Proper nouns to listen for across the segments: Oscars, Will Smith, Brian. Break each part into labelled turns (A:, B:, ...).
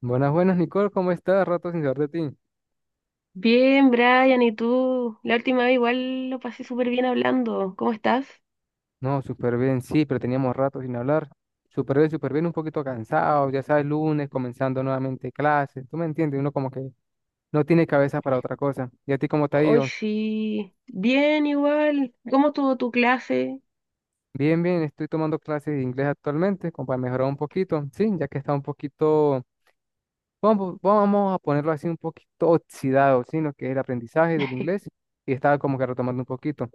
A: Buenas, buenas, Nicole, ¿cómo estás? Rato sin saber de ti.
B: Bien, Brian, ¿y tú? La última vez igual lo pasé súper bien hablando. ¿Cómo estás?
A: No, súper bien, sí, pero teníamos rato sin hablar. Súper bien, un poquito cansado, ya sabes, lunes, comenzando nuevamente clases, tú me entiendes, uno como que no tiene cabeza para otra cosa. ¿Y a ti cómo te ha
B: Hoy
A: ido?
B: sí. Bien, igual. ¿Cómo estuvo tu clase?
A: Bien, bien, estoy tomando clases de inglés actualmente, como para mejorar un poquito, sí, ya que está un poquito. Vamos a ponerlo así, un poquito oxidado, sino que es el aprendizaje del inglés y estaba como que retomando un poquito.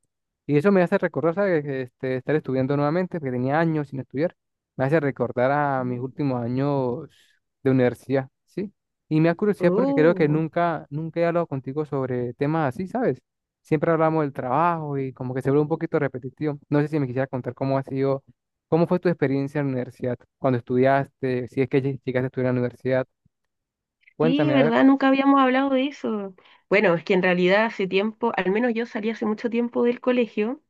A: Y eso me hace recordar, ¿sabes? Estar estudiando nuevamente, porque tenía años sin estudiar, me hace recordar a mis últimos años de universidad, ¿sí? Y me da curiosidad porque creo que
B: Oh,
A: nunca, nunca he hablado contigo sobre temas así, ¿sabes? Siempre hablamos del trabajo y como que se vuelve un poquito repetitivo. No sé si me quisiera contar cómo ha sido, cómo fue tu experiencia en la universidad, cuando estudiaste, si es que llegaste a estudiar en la universidad.
B: sí,
A: Cuéntame, a ver,
B: ¿verdad? Nunca habíamos hablado de eso. Bueno, es que en realidad hace tiempo, al menos yo salí hace mucho tiempo del colegio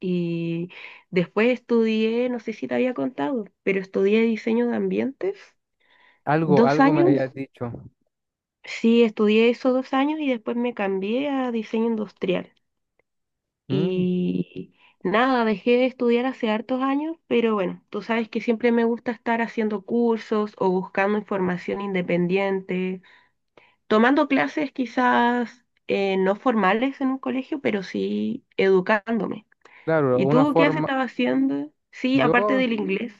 B: y después estudié, no sé si te había contado, pero estudié diseño de ambientes.
A: algo,
B: ¿Dos
A: algo me
B: años?
A: habías dicho.
B: Sí, estudié eso dos años y después me cambié a diseño industrial.
A: Mm,
B: Y nada, dejé de estudiar hace hartos años, pero bueno, tú sabes que siempre me gusta estar haciendo cursos o buscando información independiente, tomando clases quizás no formales en un colegio, pero sí educándome.
A: claro,
B: ¿Y
A: una
B: tú qué has
A: forma.
B: estado haciendo? Sí, aparte
A: Yo,
B: del inglés.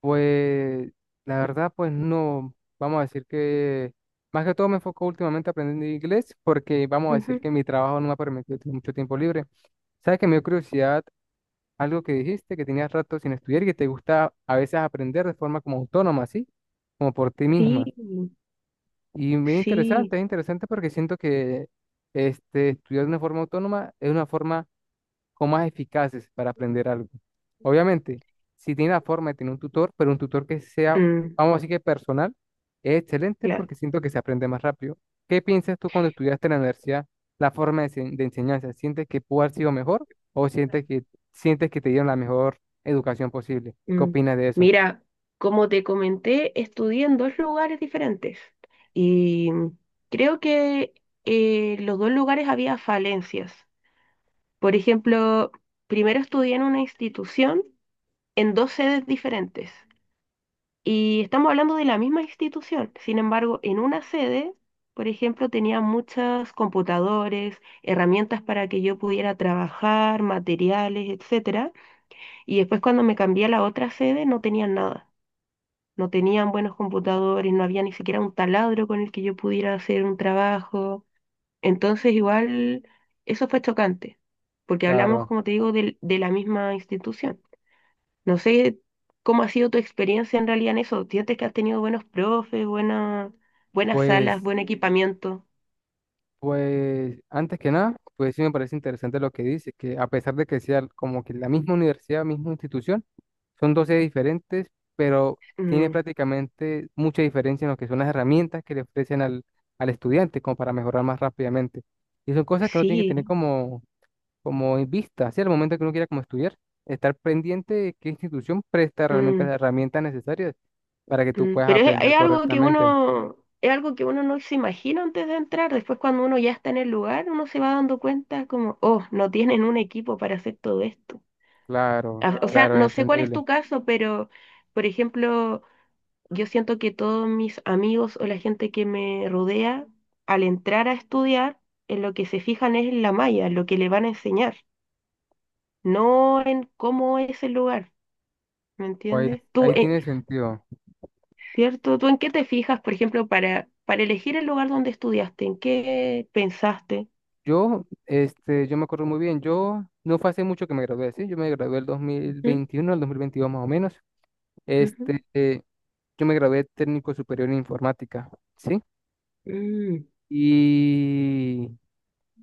A: pues, la verdad, pues no, vamos a decir que, más que todo me enfoco últimamente aprendiendo inglés porque vamos a
B: Ujú.
A: decir que mi trabajo no me ha permitido tener mucho tiempo libre. ¿Sabes que me dio curiosidad algo que dijiste, que tenías rato sin estudiar y que te gusta a veces aprender de forma como autónoma? ¿Sí? Como por ti misma.
B: Sí,
A: Y muy interesante,
B: sí.
A: es interesante porque siento que estudiar de una forma autónoma es una forma o más eficaces para aprender algo. Obviamente, si tiene la forma de tener un tutor, pero un tutor que sea,
B: Mm,
A: vamos a decir, que personal, es excelente
B: claro.
A: porque siento que se aprende más rápido. ¿Qué piensas tú cuando estudiaste en la universidad, la forma de enseñanza? ¿Sientes que pudo haber sido mejor o sientes que te dieron la mejor educación posible? ¿Qué
B: Mm,
A: opinas de eso?
B: mira, como te comenté, estudié en dos lugares diferentes y creo que los dos lugares había falencias. Por ejemplo, primero estudié en una institución en dos sedes diferentes y estamos hablando de la misma institución. Sin embargo, en una sede, por ejemplo, tenía muchos computadores, herramientas para que yo pudiera trabajar, materiales, etcétera. Y después cuando me cambié a la otra sede no tenía nada, no tenían buenos computadores, no había ni siquiera un taladro con el que yo pudiera hacer un trabajo. Entonces, igual, eso fue chocante, porque hablamos,
A: Claro.
B: como te digo, la misma institución. No sé cómo ha sido tu experiencia en realidad en eso. ¿Sientes que has tenido buenos profes, buenas salas,
A: pues
B: buen equipamiento?
A: Pues antes que nada, pues sí me parece interesante lo que dice, que a pesar de que sea como que la misma universidad, misma institución, son dos sedes diferentes, pero tiene
B: Mm,
A: prácticamente mucha diferencia en lo que son las herramientas que le ofrecen al estudiante, como para mejorar más rápidamente. Y son cosas que uno tiene que
B: sí.
A: tener como en vista, ¿sí? Al momento que uno quiera como estudiar, estar pendiente de qué institución presta realmente
B: Mm.
A: las herramientas necesarias para que tú
B: Mm,
A: puedas
B: pero
A: aprender
B: es algo que
A: correctamente.
B: uno, es algo que uno no se imagina antes de entrar. Después, cuando uno ya está en el lugar, uno se va dando cuenta como, oh, no tienen un equipo para hacer todo esto.
A: Claro,
B: A- O sea,
A: claro, es
B: no sé cuál es
A: entendible.
B: tu caso, pero, por ejemplo, yo siento que todos mis amigos o la gente que me rodea, al entrar a estudiar, en lo que se fijan es en la malla, en lo que le van a enseñar, no en cómo es el lugar. ¿Me entiendes? ¿Tú,
A: Ahí tiene sentido.
B: ¿cierto? ¿Tú en qué te fijas, por ejemplo, para elegir el lugar donde estudiaste? ¿En qué pensaste?
A: Yo me acuerdo muy bien, yo no fue hace mucho que me gradué, ¿sí? Yo me gradué el
B: Ujú,
A: 2021, el 2022 más o menos.
B: ujú.
A: Este, eh, yo me gradué técnico superior en informática, ¿sí?
B: Mm,
A: Y,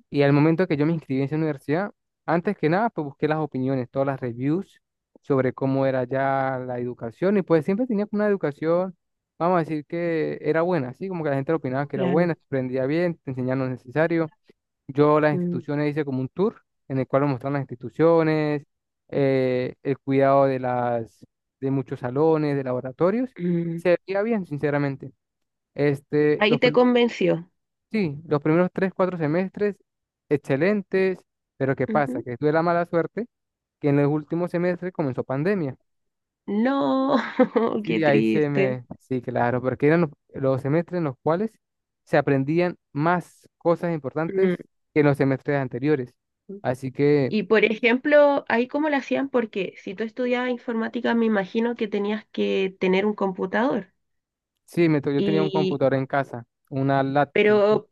A: y al momento que yo me inscribí en esa universidad, antes que nada, pues busqué las opiniones, todas las reviews sobre cómo era ya la educación, y pues siempre tenía como una educación, vamos a decir, que era buena, ¿sí? Como que la gente opinaba que era
B: claro.
A: buena, se aprendía bien, te enseñaban lo necesario. Yo las
B: Mm,
A: instituciones, hice como un tour en el cual nos mostraron las instituciones, el cuidado de muchos salones, de laboratorios, y
B: mm.
A: se veía bien, sinceramente. Este,
B: Ahí
A: los
B: te
A: prim-
B: convenció.
A: sí, los primeros 3, 4 semestres, excelentes. Pero ¿qué pasa?
B: Ujú.
A: Que tuve la mala suerte que en los últimos semestres comenzó pandemia.
B: No, qué
A: Sí, ahí se
B: triste.
A: me, sí, claro, porque eran los semestres en los cuales se aprendían más cosas importantes
B: Mm.
A: que en los semestres anteriores. Así que.
B: Y por ejemplo, ahí cómo lo hacían, porque si tú estudiabas informática, me imagino que tenías que tener un computador.
A: Sí, yo tenía un
B: Y,
A: computador en casa, una laptop.
B: pero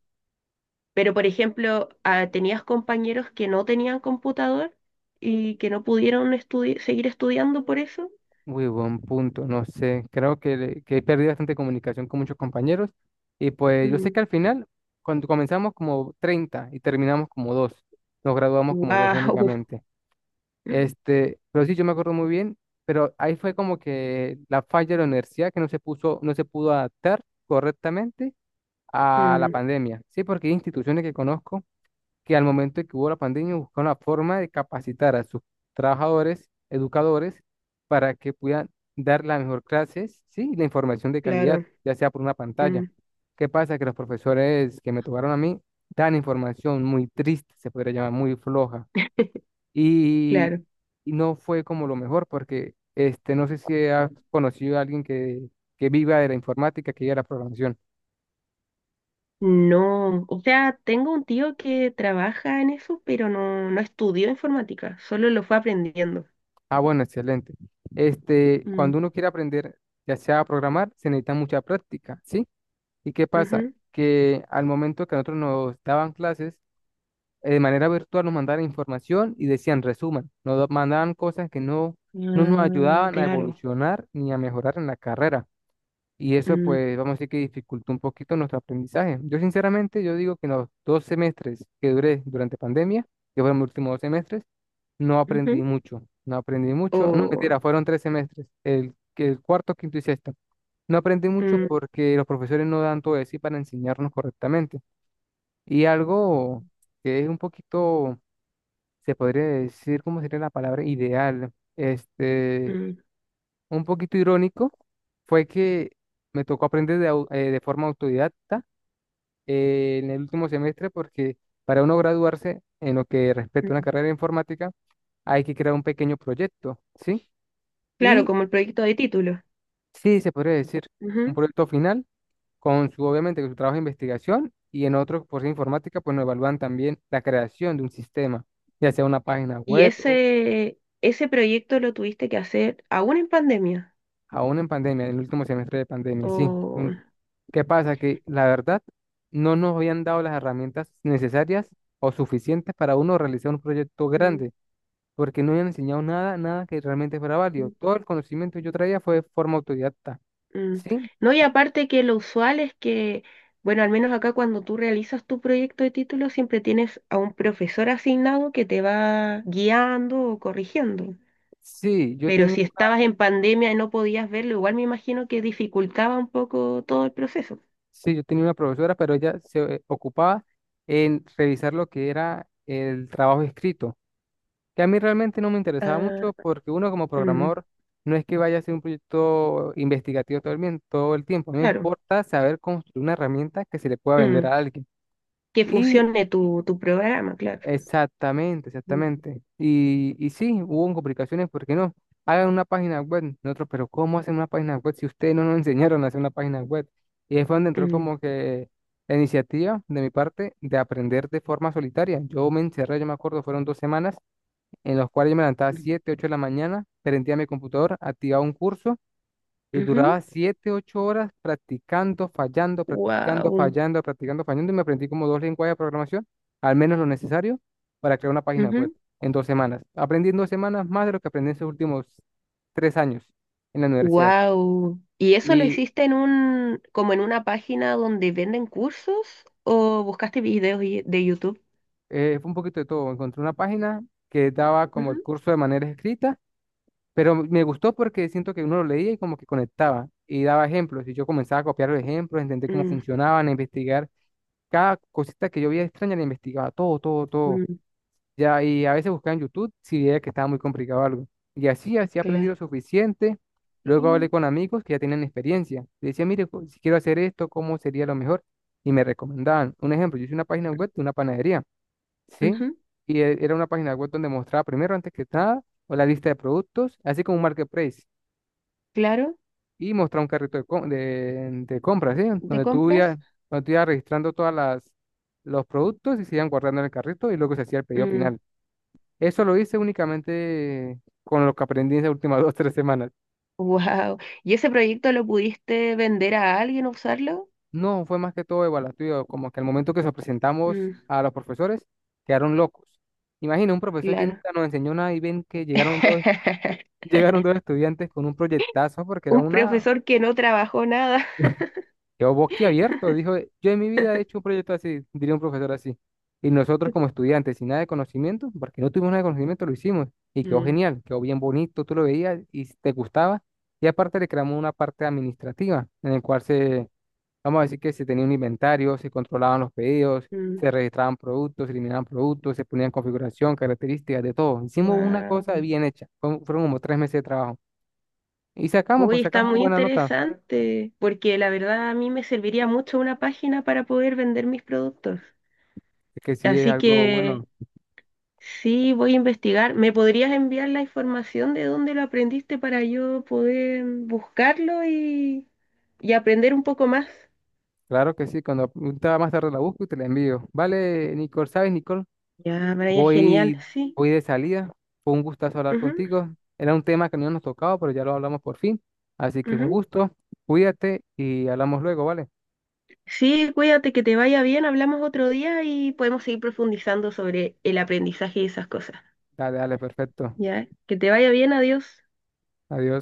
B: Pero, por ejemplo, ah, tenías compañeros que no tenían computador y que no pudieron seguir estudiando por eso.
A: Muy buen punto, no sé. Creo que he perdido bastante comunicación con muchos compañeros. Y pues yo sé
B: Mm.
A: que al final, cuando comenzamos como 30 y terminamos como dos, nos graduamos como dos
B: Wow.
A: únicamente. Pero sí, yo me acuerdo muy bien, pero ahí fue como que la falla de la universidad, que no se puso, no se pudo adaptar correctamente a la
B: Mm,
A: pandemia. Sí, porque hay instituciones que conozco, que al momento de que hubo la pandemia buscaron la forma de capacitar a sus trabajadores, educadores, para que puedan dar la mejor clases, sí, y la información de calidad,
B: claro.
A: ya sea por una pantalla.
B: Mm,
A: ¿Qué pasa? Que los profesores que me tocaron a mí dan información muy triste, se podría llamar muy floja, y,
B: claro.
A: y no fue como lo mejor, porque no sé si has conocido a alguien que viva de la informática, que viva de la programación.
B: No, o sea, tengo un tío que trabaja en eso, pero no, no estudió informática, solo lo fue aprendiendo.
A: Ah, bueno, excelente. Cuando
B: Mm,
A: uno quiere aprender, ya sea a programar, se necesita mucha práctica, ¿sí? ¿Y qué pasa?
B: ujú.
A: Que al momento que a nosotros nos daban clases, de manera virtual, nos mandaban información y decían resuman, mandaban cosas que no nos
B: Mm,
A: ayudaban a
B: claro.
A: evolucionar ni a mejorar en la carrera. Y eso,
B: Mm,
A: pues, vamos a decir que dificultó un poquito nuestro aprendizaje. Yo, sinceramente, yo digo que en los 2 semestres que duré durante pandemia, que fueron mis últimos 2 semestres, no aprendí
B: ujú.
A: mucho, no aprendí mucho. No,
B: O,
A: mentira, fueron 3 semestres, el cuarto, quinto y sexto. No aprendí mucho
B: mm,
A: porque los profesores no dan todo de sí para enseñarnos correctamente. Y algo que es un poquito, se podría decir, ¿cómo sería la palabra? Ideal,
B: mm,
A: un poquito irónico, fue que me tocó aprender de forma autodidacta, en el último semestre, porque para uno graduarse en lo que respecta a una
B: mm.
A: carrera de informática, hay que crear un pequeño proyecto, ¿sí?
B: Claro,
A: Y
B: como el proyecto de título.
A: sí, se podría decir un proyecto final con su, obviamente, con su trabajo de investigación, y en otro, por ser informática, pues nos evalúan también la creación de un sistema, ya sea una página
B: ¿Y
A: web o
B: ese proyecto lo tuviste que hacer aún en pandemia?
A: aún en pandemia, en el último semestre de pandemia, sí.
B: O...
A: ¿Qué pasa? Que la verdad no nos habían dado las herramientas necesarias o suficientes para uno realizar un proyecto
B: Mm,
A: grande, porque no habían enseñado nada, nada que realmente fuera
B: mm,
A: válido. Todo el conocimiento que yo traía fue de forma autodidacta.
B: mm.
A: Sí,
B: No, y aparte que lo usual es que, bueno, al menos acá cuando tú realizas tu proyecto de título, siempre tienes a un profesor asignado que te va guiando o corrigiendo.
A: sí, yo
B: Pero
A: tenía
B: si estabas en pandemia y no podías verlo, igual me imagino que dificultaba un poco todo el proceso.
A: Sí, yo tenía una profesora, pero ella se ocupaba en revisar lo que era el trabajo escrito, que a mí realmente no me interesaba
B: Ah,
A: mucho, porque uno como
B: mm,
A: programador no es que vaya a hacer un proyecto investigativo todo el tiempo. A mí me
B: claro.
A: importa saber construir una herramienta que se le pueda vender
B: Mm,
A: a alguien.
B: que
A: Y
B: funcione tu programa, claro.
A: exactamente,
B: Mm,
A: exactamente. Y sí, hubo complicaciones, ¿por qué no? Hagan una página web, nosotros, pero ¿cómo hacen una página web si ustedes no nos enseñaron a hacer una página web? Y ahí fue donde entró
B: mm,
A: como que la iniciativa de mi parte de aprender de forma solitaria. Yo me encerré, yo me acuerdo, fueron 2 semanas en las cuales yo me levantaba
B: mm,
A: 7, 8 de la mañana, prendía mi computador, activaba un curso y
B: ujú.
A: duraba 7 u 8 horas practicando, fallando, practicando,
B: Wow.
A: fallando, practicando, fallando. Y me aprendí como dos lenguajes de programación, al menos lo necesario, para crear una página web en 2 semanas. Aprendí en 2 semanas más de lo que aprendí en esos últimos 3 años en la universidad.
B: Wow. ¿Y eso lo
A: Y
B: hiciste en un, como en una página donde venden cursos o buscaste videos de YouTube?
A: fue un poquito de todo. Encontré una página que daba como el
B: Ujú.
A: curso de manera escrita, pero me gustó porque siento que uno lo leía y como que conectaba y daba ejemplos. Y yo comenzaba a copiar los ejemplos, entender cómo
B: Mm,
A: funcionaban, a investigar. Cada cosita que yo veía extraña la investigaba, todo, todo, todo.
B: mm,
A: Ya, y a veces buscaba en YouTube si veía que estaba muy complicado algo. Y así, así aprendí lo
B: cla-
A: suficiente. Luego hablé
B: sí,
A: con amigos que ya tenían experiencia. Le decía, mire, si quiero hacer esto, ¿cómo sería lo mejor? Y me recomendaban. Un ejemplo, yo hice una página web de una panadería, ¿sí?
B: ujú.
A: Y era una página web donde mostraba primero, antes que nada, o la lista de productos, así como un marketplace,
B: Claro,
A: y mostrar un carrito de compras, ¿sí?
B: de
A: Donde tú
B: compras.
A: ibas, donde tú ibas registrando todas las, los productos, y se iban guardando en el carrito y luego se hacía el pedido
B: Mm,
A: final. Eso lo hice únicamente con lo que aprendí en las últimas 2, 3 semanas.
B: wow. ¿Y ese proyecto lo pudiste vender a alguien, usarlo?
A: No, fue más que todo evaluativo, como que al momento que se presentamos
B: Mm,
A: a los profesores, quedaron locos. Imagina un profesor que
B: claro.
A: nunca nos enseñó nada y ven que llegaron dos, llegaron dos estudiantes con un proyectazo, porque era
B: Un
A: una.
B: profesor que no trabajó nada.
A: Quedó boquiabierto, dijo, yo en mi vida he hecho un proyecto así, diría un profesor así. Y nosotros como estudiantes, sin nada de conocimiento, porque no tuvimos nada de conocimiento, lo hicimos. Y quedó
B: Mm,
A: genial, quedó bien bonito, tú lo veías y si te gustaba. Y aparte le creamos una parte administrativa en el cual se, vamos a decir que se tenía un inventario, se controlaban los pedidos,
B: mm,
A: se registraban productos, se eliminaban productos, se ponían configuración, características, de todo. Hicimos una
B: wow.
A: cosa bien hecha. Fueron como 3 meses de trabajo. Y sacamos,
B: Uy,
A: pues
B: está
A: sacamos
B: muy
A: buena nota,
B: interesante, porque la verdad a mí me serviría mucho una página para poder vender mis productos.
A: que sí es
B: Así
A: algo
B: que
A: bueno.
B: sí, voy a investigar. ¿Me podrías enviar la información de dónde lo aprendiste para yo poder buscarlo y aprender un poco más?
A: Claro que sí, cuando estaba más tarde la busco y te la envío. Vale, Nicole, ¿sabes, Nicole?
B: Ya, Brian, genial,
A: Voy,
B: sí.
A: voy de salida. Fue un gustazo hablar
B: Ujú,
A: contigo. Era un tema que no nos tocaba, pero ya lo hablamos por fin. Así que un
B: ujú.
A: gusto. Cuídate y hablamos luego, ¿vale?
B: Sí, cuídate, que te vaya bien. Hablamos otro día y podemos seguir profundizando sobre el aprendizaje y esas cosas.
A: Dale, dale, perfecto.
B: Ya, que te vaya bien, adiós.
A: Adiós.